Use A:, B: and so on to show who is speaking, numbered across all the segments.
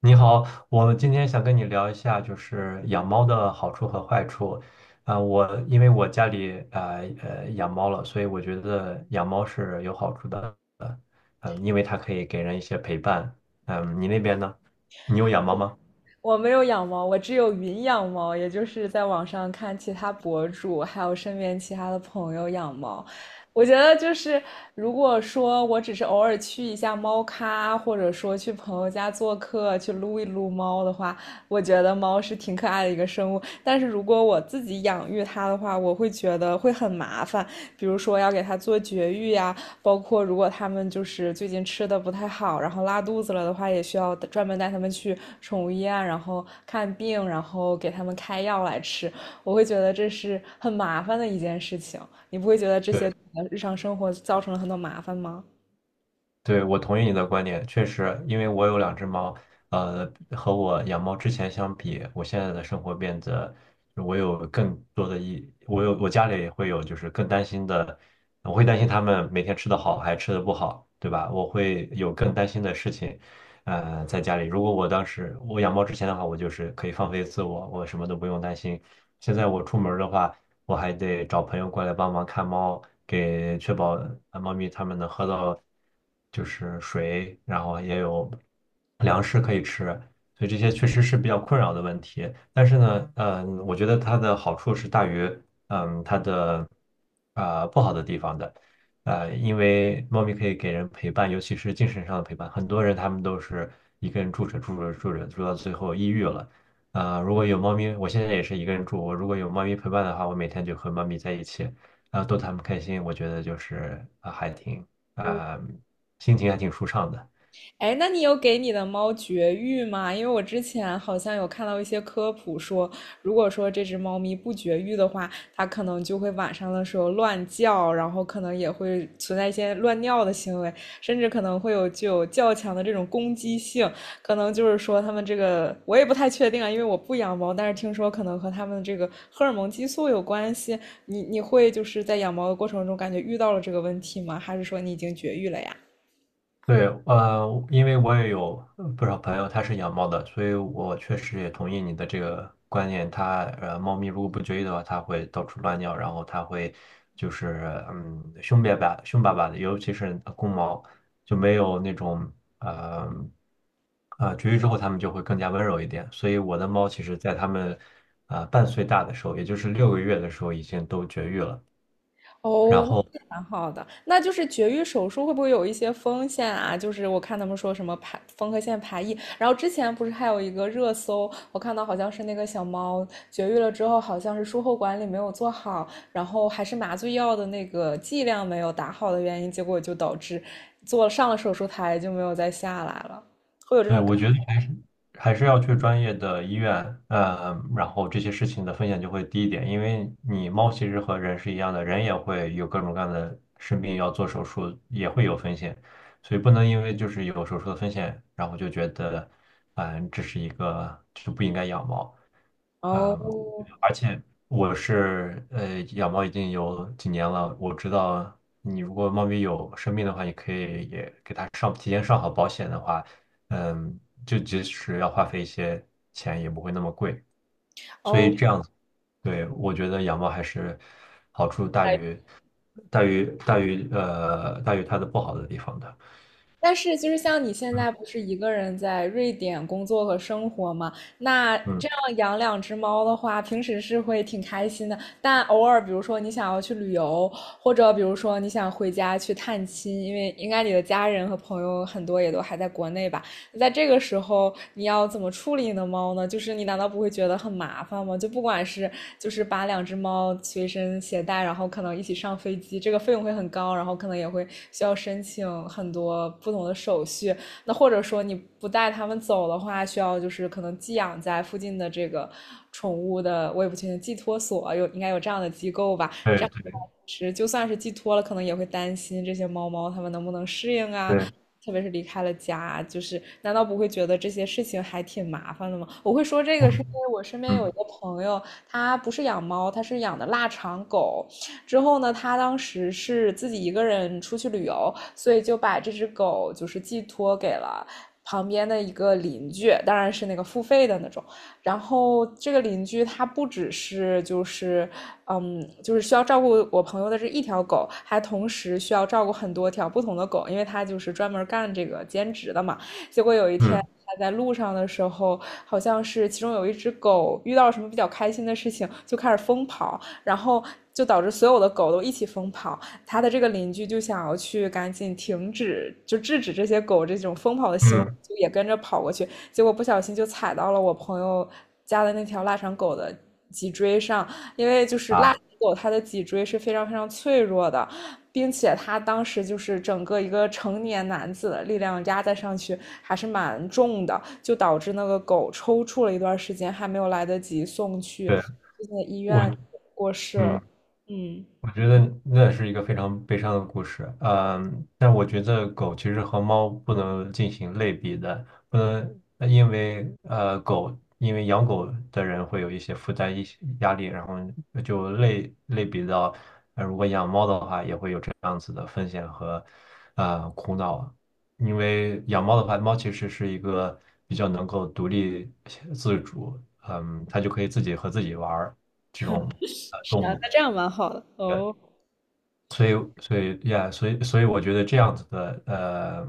A: 你好，我今天想跟你聊一下，就是养猫的好处和坏处。我因为我家里养猫了，所以我觉得养猫是有好处的。嗯、因为它可以给人一些陪伴。你那边呢？你有养猫吗？
B: 我没有养猫，我只有云养猫，也就是在网上看其他博主，还有身边其他的朋友养猫。我觉得就是，如果说我只是偶尔去一下猫咖，或者说去朋友家做客，去撸一撸猫的话，我觉得猫是挺可爱的一个生物。但是如果我自己养育它的话，我会觉得会很麻烦，比如说要给它做绝育呀、包括如果他们就是最近吃的不太好，然后拉肚子了的话，也需要专门带他们去宠物医院，然后看病，然后给他们开药来吃。我会觉得这是很麻烦的一件事情，你不会觉得这些
A: 对。
B: 日常生活造成了很多麻烦吗？
A: 对，我同意你的观点，确实，因为我有两只猫，和我养猫之前相比，我现在的生活变得，我有更多的一，我有我家里也会有，就是更担心的，我会担心它们每天吃的好还吃的不好，对吧？我会有更担心的事情，在家里。如果我当时我养猫之前的话，我就是可以放飞自我，我什么都不用担心。现在我出门儿的话，我还得找朋友过来帮忙看猫，给确保猫咪它们能喝到就是水，然后也有粮食可以吃，所以这些确实是比较困扰的问题。但是呢，我觉得它的好处是大于它的不好的地方的。因为猫咪可以给人陪伴，尤其是精神上的陪伴。很多人他们都是一个人住着住着住着住到最后抑郁了。如果有猫咪，我现在也是一个人住。我如果有猫咪陪伴的话，我每天就和猫咪在一起，然后逗它们开心，我觉得就是还挺啊、心情还挺舒畅的。
B: 哎，那你有给你的猫绝育吗？因为我之前好像有看到一些科普说，如果说这只猫咪不绝育的话，它可能就会晚上的时候乱叫，然后可能也会存在一些乱尿的行为，甚至可能会有具有较强的这种攻击性。可能就是说它们这个，我也不太确定啊，因为我不养猫，但是听说可能和它们这个荷尔蒙激素有关系。你会就是在养猫的过程中感觉遇到了这个问题吗？还是说你已经绝育了呀？
A: 对，因为我也有不少朋友他是养猫的，所以我确实也同意你的这个观念。猫咪如果不绝育的话，它会到处乱尿，然后它会就是凶巴巴、凶巴巴的，尤其是公猫就没有那种呃绝育之后，它们就会更加温柔一点。所以我的猫其实在它们半岁大的时候，也就是6个月的时候已经都绝育了。然
B: 哦，
A: 后
B: 那蛮好的。那就是绝育手术会不会有一些风险啊？就是我看他们说什么排缝合线排异，然后之前不是还有一个热搜，我看到好像是那个小猫绝育了之后，好像是术后管理没有做好，然后还是麻醉药的那个剂量没有打好的原因，结果就导致做上了手术台就没有再下来了，会有这
A: 对，
B: 种感
A: 我觉得。
B: 觉
A: 还是要去专业的医院，然后这些事情的风险就会低一点，因为你猫其实和人是一样的，人也会有各种各样的生病，要做手术也会有风险，所以不能因为就是有手术的风险，然后就觉得，这是一个就不应该养猫。嗯，
B: 哦
A: 而且我是养猫已经有几年了，我知道你如果猫咪有生病的话，你可以也给它上提前上好保险的话，嗯，就即使要花费一些钱也不会那么贵，所
B: 哦，
A: 以这样子，对，我觉得养猫还是好处大于它的不好的地方的，
B: 但是就是像你现在
A: 嗯
B: 不是一个人在瑞典工作和生活嘛？那这
A: 嗯，
B: 样养两只猫的话，平时是会挺开心的。但偶尔，比如说你想要去旅游，或者比如说你想回家去探亲，因为应该你的家人和朋友很多也都还在国内吧。在这个时候，你要怎么处理你的猫呢？就是你难道不会觉得很麻烦吗？就不管是就是把两只猫随身携带，然后可能一起上飞机，这个费用会很高，然后可能也会需要申请很多不同的手续。那或者说你不带它们走的话，需要就是可能寄养在附近的这个宠物的，我也不确定寄托所有应该有这样的机构吧？这
A: 对
B: 样。
A: 对
B: 其实就算是寄托了，可能也会担心这些猫猫它们能不能适应啊，
A: 对，
B: 特别是离开了家啊，就是难道不会觉得这些事情还挺麻烦的吗？我会说这个是因
A: 嗯
B: 为我身边有一
A: 嗯
B: 个朋友，他不是养猫，他是养的腊肠狗。之后呢，他当时是自己一个人出去旅游，所以就把这只狗就是寄托给了。旁边的一个邻居，当然是那个付费的那种。然后这个邻居他不只是就是就是需要照顾我朋友的这一条狗，还同时需要照顾很多条不同的狗，因为他就是专门干这个兼职的嘛。结果有一天
A: 嗯
B: 他在路上的时候，好像是其中有一只狗遇到了什么比较开心的事情，就开始疯跑，然后就导致所有的狗都一起疯跑。他的这个邻居就想要去赶紧停止，就制止这些狗这种疯跑的行为，
A: 嗯
B: 就也跟着跑过去，结果不小心就踩到了我朋友家的那条腊肠狗的脊椎上，因为就是腊肠
A: 啊，
B: 狗它的脊椎是非常非常脆弱的，并且它当时就是整个一个成年男子的力量压在上去还是蛮重的，就导致那个狗抽搐了一段时间，还没有来得及送去
A: 对
B: 最近的医
A: 我
B: 院过世
A: 嗯。
B: 了。嗯，
A: 我觉得那是一个非常悲伤的故事，但我觉得狗其实和猫不能进行类比的，不能呃因为呃狗，因为养狗的人会有一些负担、一些压力，然后就类比到，如果养猫的话，也会有这样子的风险和苦恼，因为养猫的话，猫其实是一个比较能够独立自主，它就可以自己和自己玩儿这种
B: 是
A: 动
B: 啊，
A: 物。
B: 那这样蛮好的。
A: 所以，所以呀，所以，所以我觉得这样子的，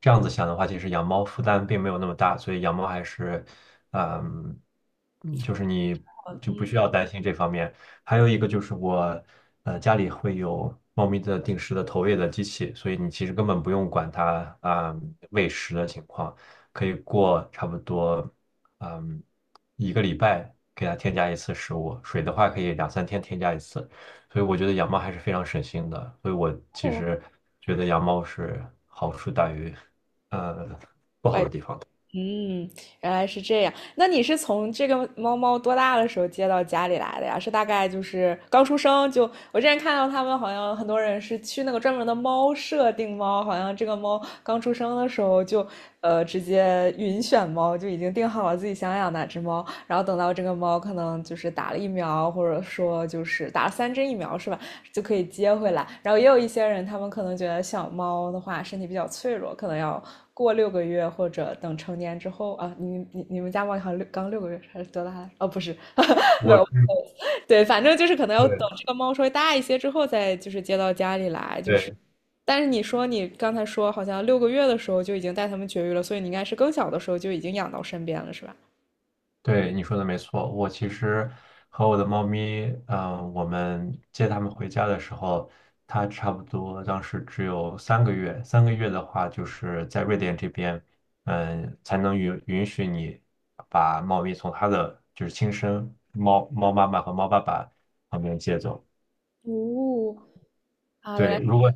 A: 这样子想的话，其实养猫负担并没有那么大，所以养猫还是，嗯，就是你就不需要担心这方面。还有一个就是我，家里会有猫咪的定时的投喂的机器，所以你其实根本不用管它啊，喂食的情况，可以过差不多，嗯，一个礼拜给它添加一次食物，水的话可以两三天添加一次。所以我觉得养猫还是非常省心的。所以我其实觉得养猫是好处大于，呃，
B: 坏，嗯，原来是这样。那你是从这个猫猫多大的时候接到家里来的呀？是大概就是刚出生就，我之前看到他们好像很多人是去那个专门的猫舍定猫，好像这个猫刚出生的时候就，直接云选猫就已经定好了自己想养哪只猫。然后等到这个猫可能就是打了疫苗，或者说就是打了三针疫苗是吧，就可以接回来。然后也有一些人，他们可能觉得小猫的话身体比较脆弱，可能要过六个月或者等成年之后啊。你们家猫好像刚六个月还是多大？哦，不是，没
A: 我
B: 有，
A: 是
B: 对，反正就是可能要等
A: 对
B: 这个猫稍微大一些之后再就是接到家里来，就是。
A: 对
B: 但是你说你刚才说好像六个月的时候就已经带它们绝育了，所以你应该是更小的时候就已经养到身边了，是吧？
A: 对，你说的没错。我其实和我的猫咪，我们接它们回家的时候，它差不多当时只有三个月。三个月的话，就是在瑞典这边，才能允许你把猫咪从它的就是亲生猫猫妈妈和猫爸爸旁边接走。
B: 哦，啊，原
A: 对，
B: 来
A: 如果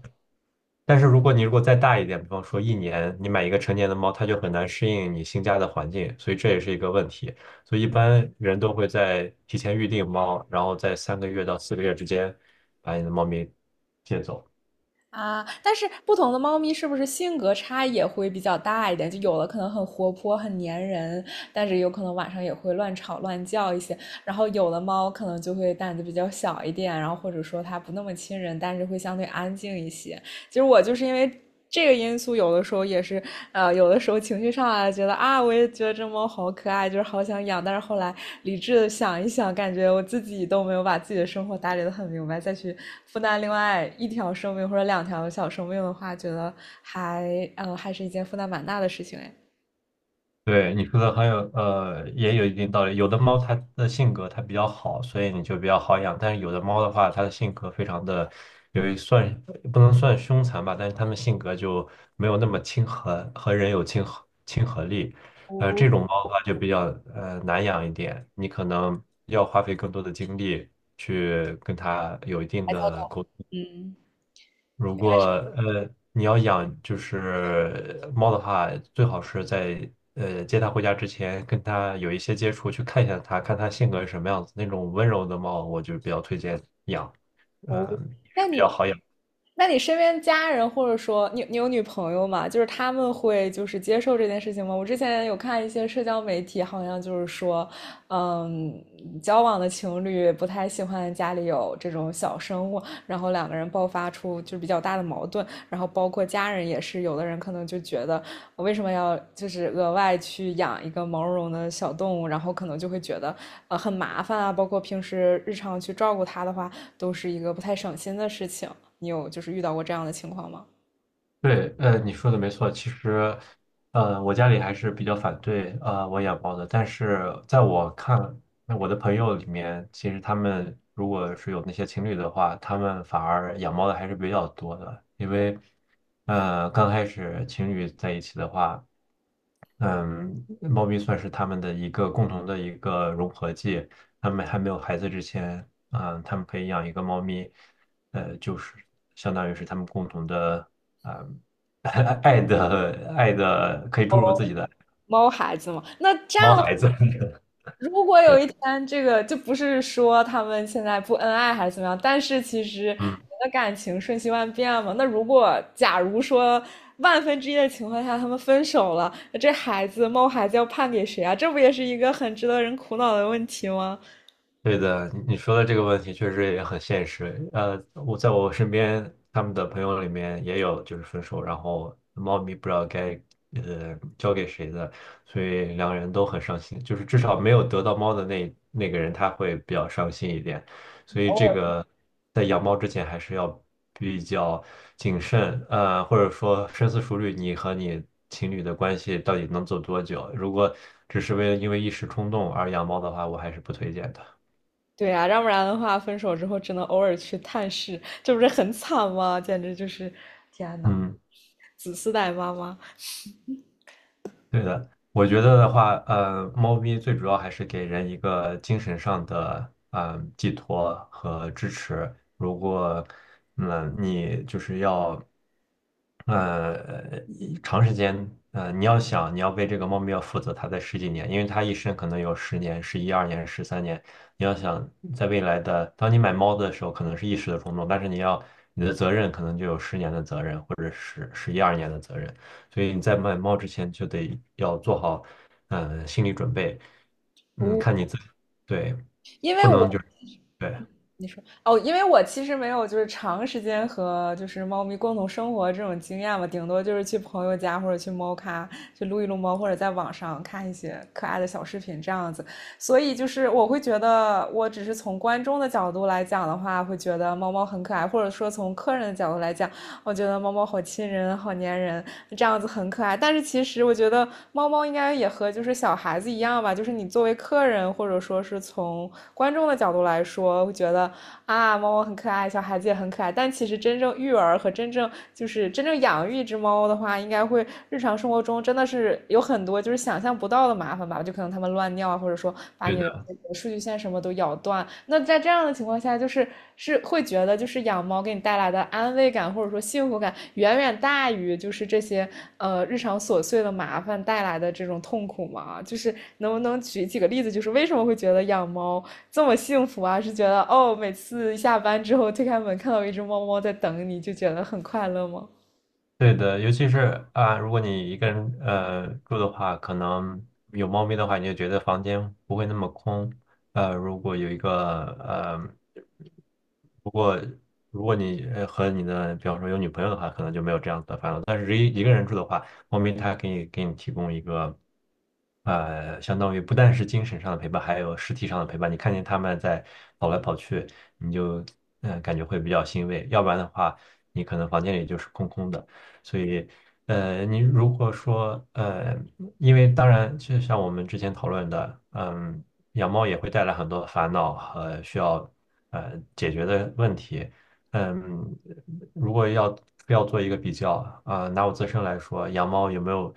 A: 但是如果你如果再大一点，比方说一年，你买一个成年的猫，它就很难适应你新家的环境，所以这也是一个问题。所以一般人都会在提前预定猫，然后在3个月到4个月之间把你的猫咪接走。
B: 啊，但是不同的猫咪是不是性格差异也会比较大一点？就有的可能很活泼、很粘人，但是有可能晚上也会乱吵乱叫一些。然后有的猫可能就会胆子比较小一点，然后或者说它不那么亲人，但是会相对安静一些。其实我就是因为这个因素，有的时候也是，有的时候情绪上来，觉得啊，我也觉得这猫好可爱，就是好想养。但是后来理智的想一想，感觉我自己都没有把自己的生活打理得很明白，再去负担另外一条生命或者两条小生命的话，觉得还，还是一件负担蛮大的事情哎。
A: 对，你说的很有，也有一定道理。有的猫它的性格它比较好，所以你就比较好养。但是有的猫的话，它的性格非常的，有一算不能算凶残吧，但是它们性格就没有那么亲和，和人有亲和力。这种猫的话就比较难养一点，你可能要花费更多的精力去跟它有一定的沟。如果你要养就是猫的话，最好是在接它回家之前跟它有一些接触，去看一下它，看它性格是什么样子。那种温柔的猫，我就比较推荐养，嗯、
B: 哦，
A: 也
B: 那
A: 是比
B: 你，
A: 较好养。
B: 那你身边家人或者说你你有女朋友吗？就是他们会就是接受这件事情吗？我之前有看一些社交媒体，好像就是说，嗯，交往的情侣不太喜欢家里有这种小生物。然后两个人爆发出就是比较大的矛盾，然后包括家人也是，有的人可能就觉得我为什么要就是额外去养一个毛茸茸的小动物，然后可能就会觉得很麻烦啊，包括平时日常去照顾它的话，都是一个不太省心的事情。你有就是遇到过这样的情况吗？
A: 对，你说的没错。其实，我家里还是比较反对我养猫的，但是在我看，那我的朋友里面，其实他们如果是有那些情侣的话，他们反而养猫的还是比较多的，因为，刚开始情侣在一起的话。嗯，猫咪算是他们的一个共同的一个融合剂。他们还没有孩子之前，他们可以养一个猫咪，就是相当于是他们共同的，啊、爱的爱的，可以注入自己的
B: 猫孩子嘛。那这
A: 猫
B: 样的话，
A: 孩子。
B: 如果有一天这个就不是说他们现在不恩爱还是怎么样，但是其实人
A: 嗯。
B: 的感情瞬息万变嘛。那如果假如说万分之一的情况下他们分手了，那这猫孩子要判给谁啊？这不也是一个很值得人苦恼的问题吗？
A: 对的，你说的这个问题确实也很现实。我在我身边，他们的朋友里面也有就是分手，然后猫咪不知道该交给谁的，所以两个人都很伤心。就是至少没有得到猫的那个人，他会比较伤心一点。所以这个在养猫之前还是要比较谨慎，或者说深思熟虑，你和你情侣的关系到底能走多久？如果只是为了因为一时冲动而养猫的话，我还是不推荐的。
B: 对呀，要不然的话，分手之后只能偶尔去探视，这不是很惨吗？简直就是，天呐，
A: 嗯，
B: 子嗣带妈妈。
A: 对的，我觉得的话，猫咪最主要还是给人一个精神上的，寄托和支持。如果，你就是要，一长时间，你要想你要为这个猫咪要负责它的十几年，因为它一生可能有十年、十一二年、13年。你要想在未来的，当你买猫的时候，可能是一时的冲动，但是你的责任可能就有十年的责任，或者十一二年的责任。所以你在买猫之前就得要做好心理准备，
B: 无，
A: 看你自己，对，
B: 因为
A: 不能
B: 我
A: 就是对
B: 哦，因为我其实没有就是长时间和就是猫咪共同生活这种经验嘛，顶多就是去朋友家或者去猫咖去撸一撸猫，或者在网上看一些可爱的小视频这样子。所以就是我会觉得，我只是从观众的角度来讲的话，会觉得猫猫很可爱，或者说从客人的角度来讲，我觉得猫猫好亲人，好粘人，这样子很可爱。但是其实我觉得猫猫应该也和就是小孩子一样吧，就是你作为客人或者说是从观众的角度来说，会觉得啊，猫猫很可爱，小孩子也很可爱。但其实真正育儿和真正就是真正养育一只猫的话，应该会日常生活中真的是有很多就是想象不到的麻烦吧，就可能它们乱尿啊，或者说把
A: 对
B: 你
A: 的。
B: 的这个数据线什么都咬断。那在这样的情况下，就是是会觉得就是养猫给你带来的安慰感或者说幸福感，远远大于就是这些日常琐碎的麻烦带来的这种痛苦吗？就是能不能举几个例子，就是为什么会觉得养猫这么幸福啊？是觉得哦，每次下班之后推开门看到一只猫猫在等你，就觉得很快乐吗？
A: 对的，尤其是啊，如果你一个人住的话，可能有猫咪的话，你就觉得房间不会那么空。如果有一个呃，如果如果你和你的，比方说有女朋友的话，可能就没有这样的烦恼。但是一个人住的话，猫咪它给你提供一个相当于不但是精神上的陪伴，还有实体上的陪伴。你看见它们在跑来跑去，你就感觉会比较欣慰。要不然的话，你可能房间里就是空空的。所以，你如果说，因为当然，就像我们之前讨论的，养猫也会带来很多的烦恼和需要解决的问题。嗯，如果要做一个比较啊，拿我自身来说，养猫有没有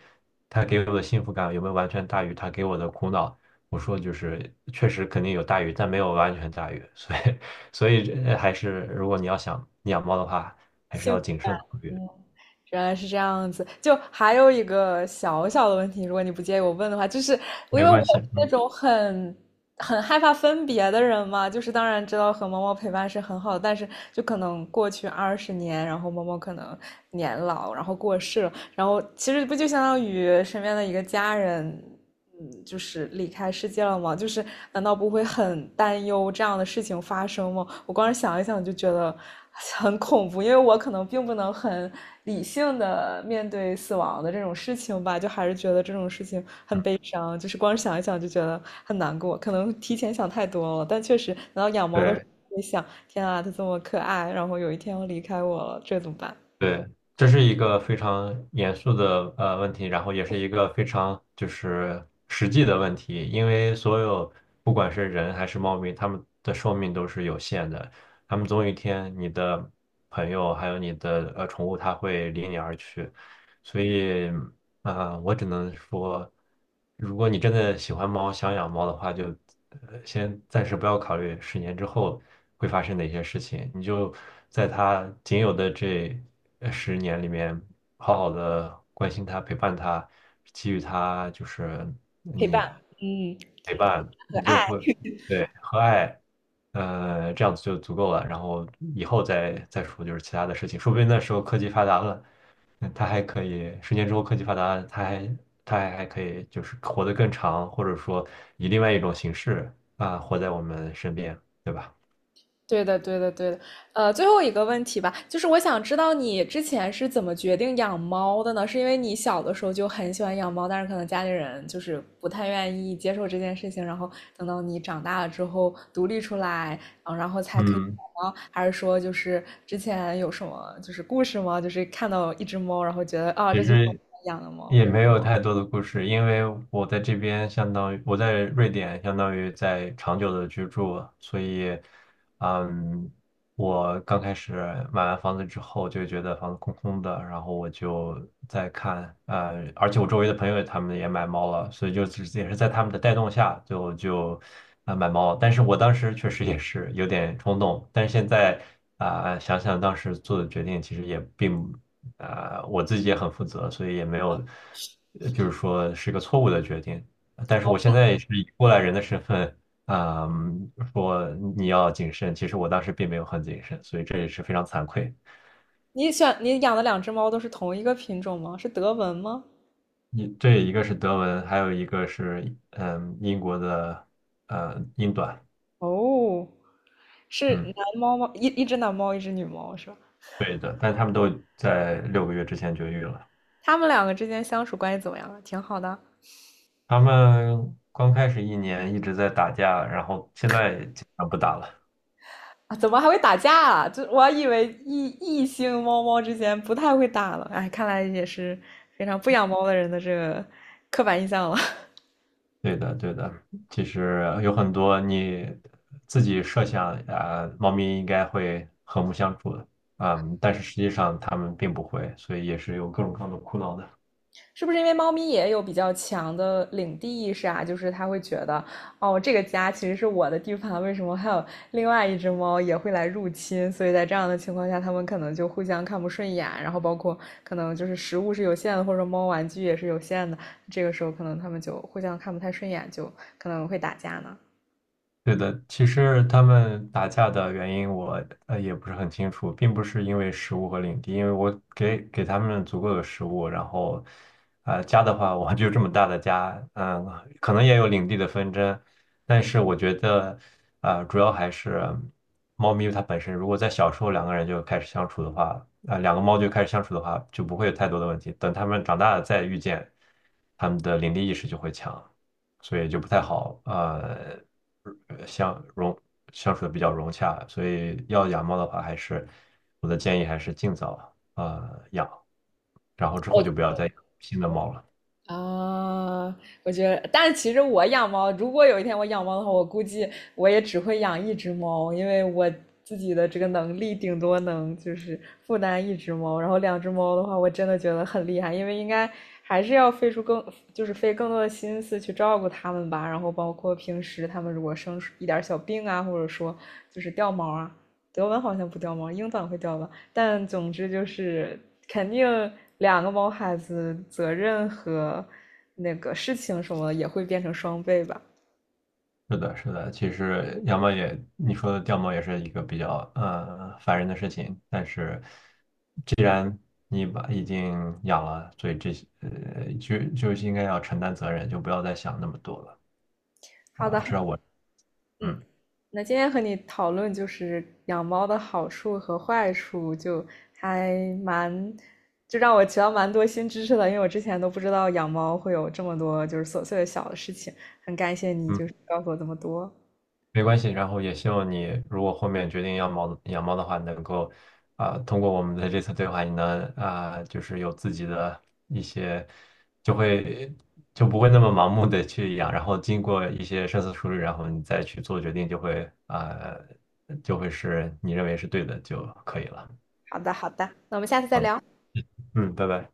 A: 它给我的幸福感，有没有完全大于它给我的苦恼？我说就是确实肯定有大于，但没有完全大于，所以还是如果你要想养猫的话，还是
B: 幸
A: 要
B: 福
A: 谨慎考虑。
B: 嗯，原来是这样子。就还有一个小小的问题，如果你不介意我问的话，就是我因
A: 没
B: 为我
A: 关系，
B: 是那
A: 嗯，
B: 种很害怕分别的人嘛，就是当然知道和猫猫陪伴是很好的但是就可能过去20年，然后猫猫可能年老，然后过世了，然后其实不就相当于身边的一个家人，嗯，就是离开世界了吗？就是难道不会很担忧这样的事情发生吗？我光是想一想就觉得很恐怖，因为我可能并不能很理性的面对死亡的这种事情吧，就还是觉得这种事情很悲伤，就是光是想一想就觉得很难过，可能提前想太多了，但确实，难道养猫的时候
A: 对
B: 会想，天啊，它这么可爱，然后有一天要离开我了，这怎么办？
A: 对，这是一个非常严肃的问题，然后也是一个非常就是实际的问题，因为所有不管是人还是猫咪，它们的寿命都是有限的，它们总有一天你的朋友还有你的宠物它会离你而去，所以。啊，我只能说，如果你真的喜欢猫，想养猫的话，就先暂时不要考虑十年之后会发生哪些事情，你就在它仅有的这十年里面，好好的关心它、陪伴它，给予它就是
B: 陪伴，
A: 你
B: 嗯，
A: 陪伴，
B: 和
A: 你就
B: 爱。
A: 会对和爱，这样子就足够了。然后以后再说就是其他的事情，说不定那时候科技发达了。它还可以，十年之后科技发达，它还可以就是活得更长，或者说以另外一种形式啊，活在我们身边，对吧？
B: 对的，对的，对的。最后一个问题吧，就是我想知道你之前是怎么决定养猫的呢？是因为你小的时候就很喜欢养猫，但是可能家里人就是不太愿意接受这件事情，然后等到你长大了之后独立出来，嗯，然后才可以
A: 嗯，
B: 养猫，还是说就是之前有什么就是故事吗？就是看到一只猫，然后觉得啊，
A: 其
B: 这就是我
A: 实
B: 养的猫。
A: 也没有太多的故事，因为我在这边相当于我在瑞典，相当于在长久的居住，所以，嗯，我刚开始买完房子之后就觉得房子空空的，然后我就在看，而且我周围的朋友他们也买猫了，所以就只是也是在他们的带动下就买猫了但是我当时确实也是有点冲动，但是现在想想当时做的决定，其实也我自己也很负责，所以也没有，就是说是个错误的决定。但是我现在也是以过来人的身份，啊、说你要谨慎，其实我当时并没有很谨慎，所以这也是非常惭愧。
B: 你选你养的两只猫都是同一个品种吗？是德文吗？
A: 你这一个是德文，还有一个是英国的英短，
B: 哦。是
A: 嗯，
B: 男猫吗？一只男猫，一只女猫是吧？
A: 对的，但他们都在6个月之前绝育了。
B: 他们两个之间相处关系怎么样啊？挺好的
A: 他们刚开始一年一直在打架，然后现在基本上不打了。
B: 啊？怎么还会打架啊？就我还以为异性猫猫之间不太会打了，哎，看来也是非常不养猫的人的这个刻板印象了。
A: 对的，对的，其实有很多你自己设想啊，猫咪应该会和睦相处的，嗯，但是实际上它们并不会，所以也是有各种各样的苦恼的。
B: 是不是因为猫咪也有比较强的领地意识啊？就是它会觉得，哦，这个家其实是我的地盘，为什么还有另外一只猫也会来入侵？所以在这样的情况下，它们可能就互相看不顺眼，然后包括可能就是食物是有限的，或者猫玩具也是有限的，这个时候可能它们就互相看不太顺眼，就可能会打架呢。
A: 对的，其实他们打架的原因我也不是很清楚，并不是因为食物和领地，因为我给他们足够的食物，然后，家的话，我就这么大的家，可能也有领地的纷争，但是我觉得，主要还是猫咪它本身，如果在小时候两个人就开始相处的话，两个猫就开始相处的话，就不会有太多的问题，等它们长大了再遇见，它们的领地意识就会强。所以就不太好，呃相融相处的比较融洽，所以要养猫的话，还是我的建议还是尽早养，然后之后就不要再养新的猫了。
B: 啊，我觉得，但是其实我养猫，如果有一天我养猫的话，我估计我也只会养一只猫，因为我自己的这个能力顶多能就是负担一只猫，然后两只猫的话，我真的觉得很厉害，因为应该还是要费出更，就是费更多的心思去照顾它们吧，然后包括平时它们如果生一点小病啊，或者说就是掉毛啊，德文好像不掉毛，英短会掉吧。但总之就是肯定两个毛孩子责任和那个事情什么的也会变成双倍吧。
A: 是的，是的，其实养猫也，你说的掉毛也是一个比较烦人的事情，但是既然你把已经养了，所以这些就应该要承担责任，就不要再想那么多了
B: 好的，
A: 啊，
B: 好
A: 至少
B: 的
A: 我
B: 嗯，
A: 嗯
B: 那今天和你讨论就是养猫的好处和坏处，就还蛮就让我学到蛮多新知识的，因为我之前都不知道养猫会有这么多就是琐碎的小的事情，很感谢你
A: 嗯。
B: 就是告诉我这么多。
A: 没关系，然后也希望你如果后面决定养猫的话，能够通过我们的这次对话，你能就是有自己的一些，就会就不会那么盲目的去养，然后经过一些深思熟虑，然后你再去做决定，就会是你认为是对的就可以了。
B: 好的，好的，那我们下次再
A: 好的，
B: 聊。
A: 嗯，拜拜。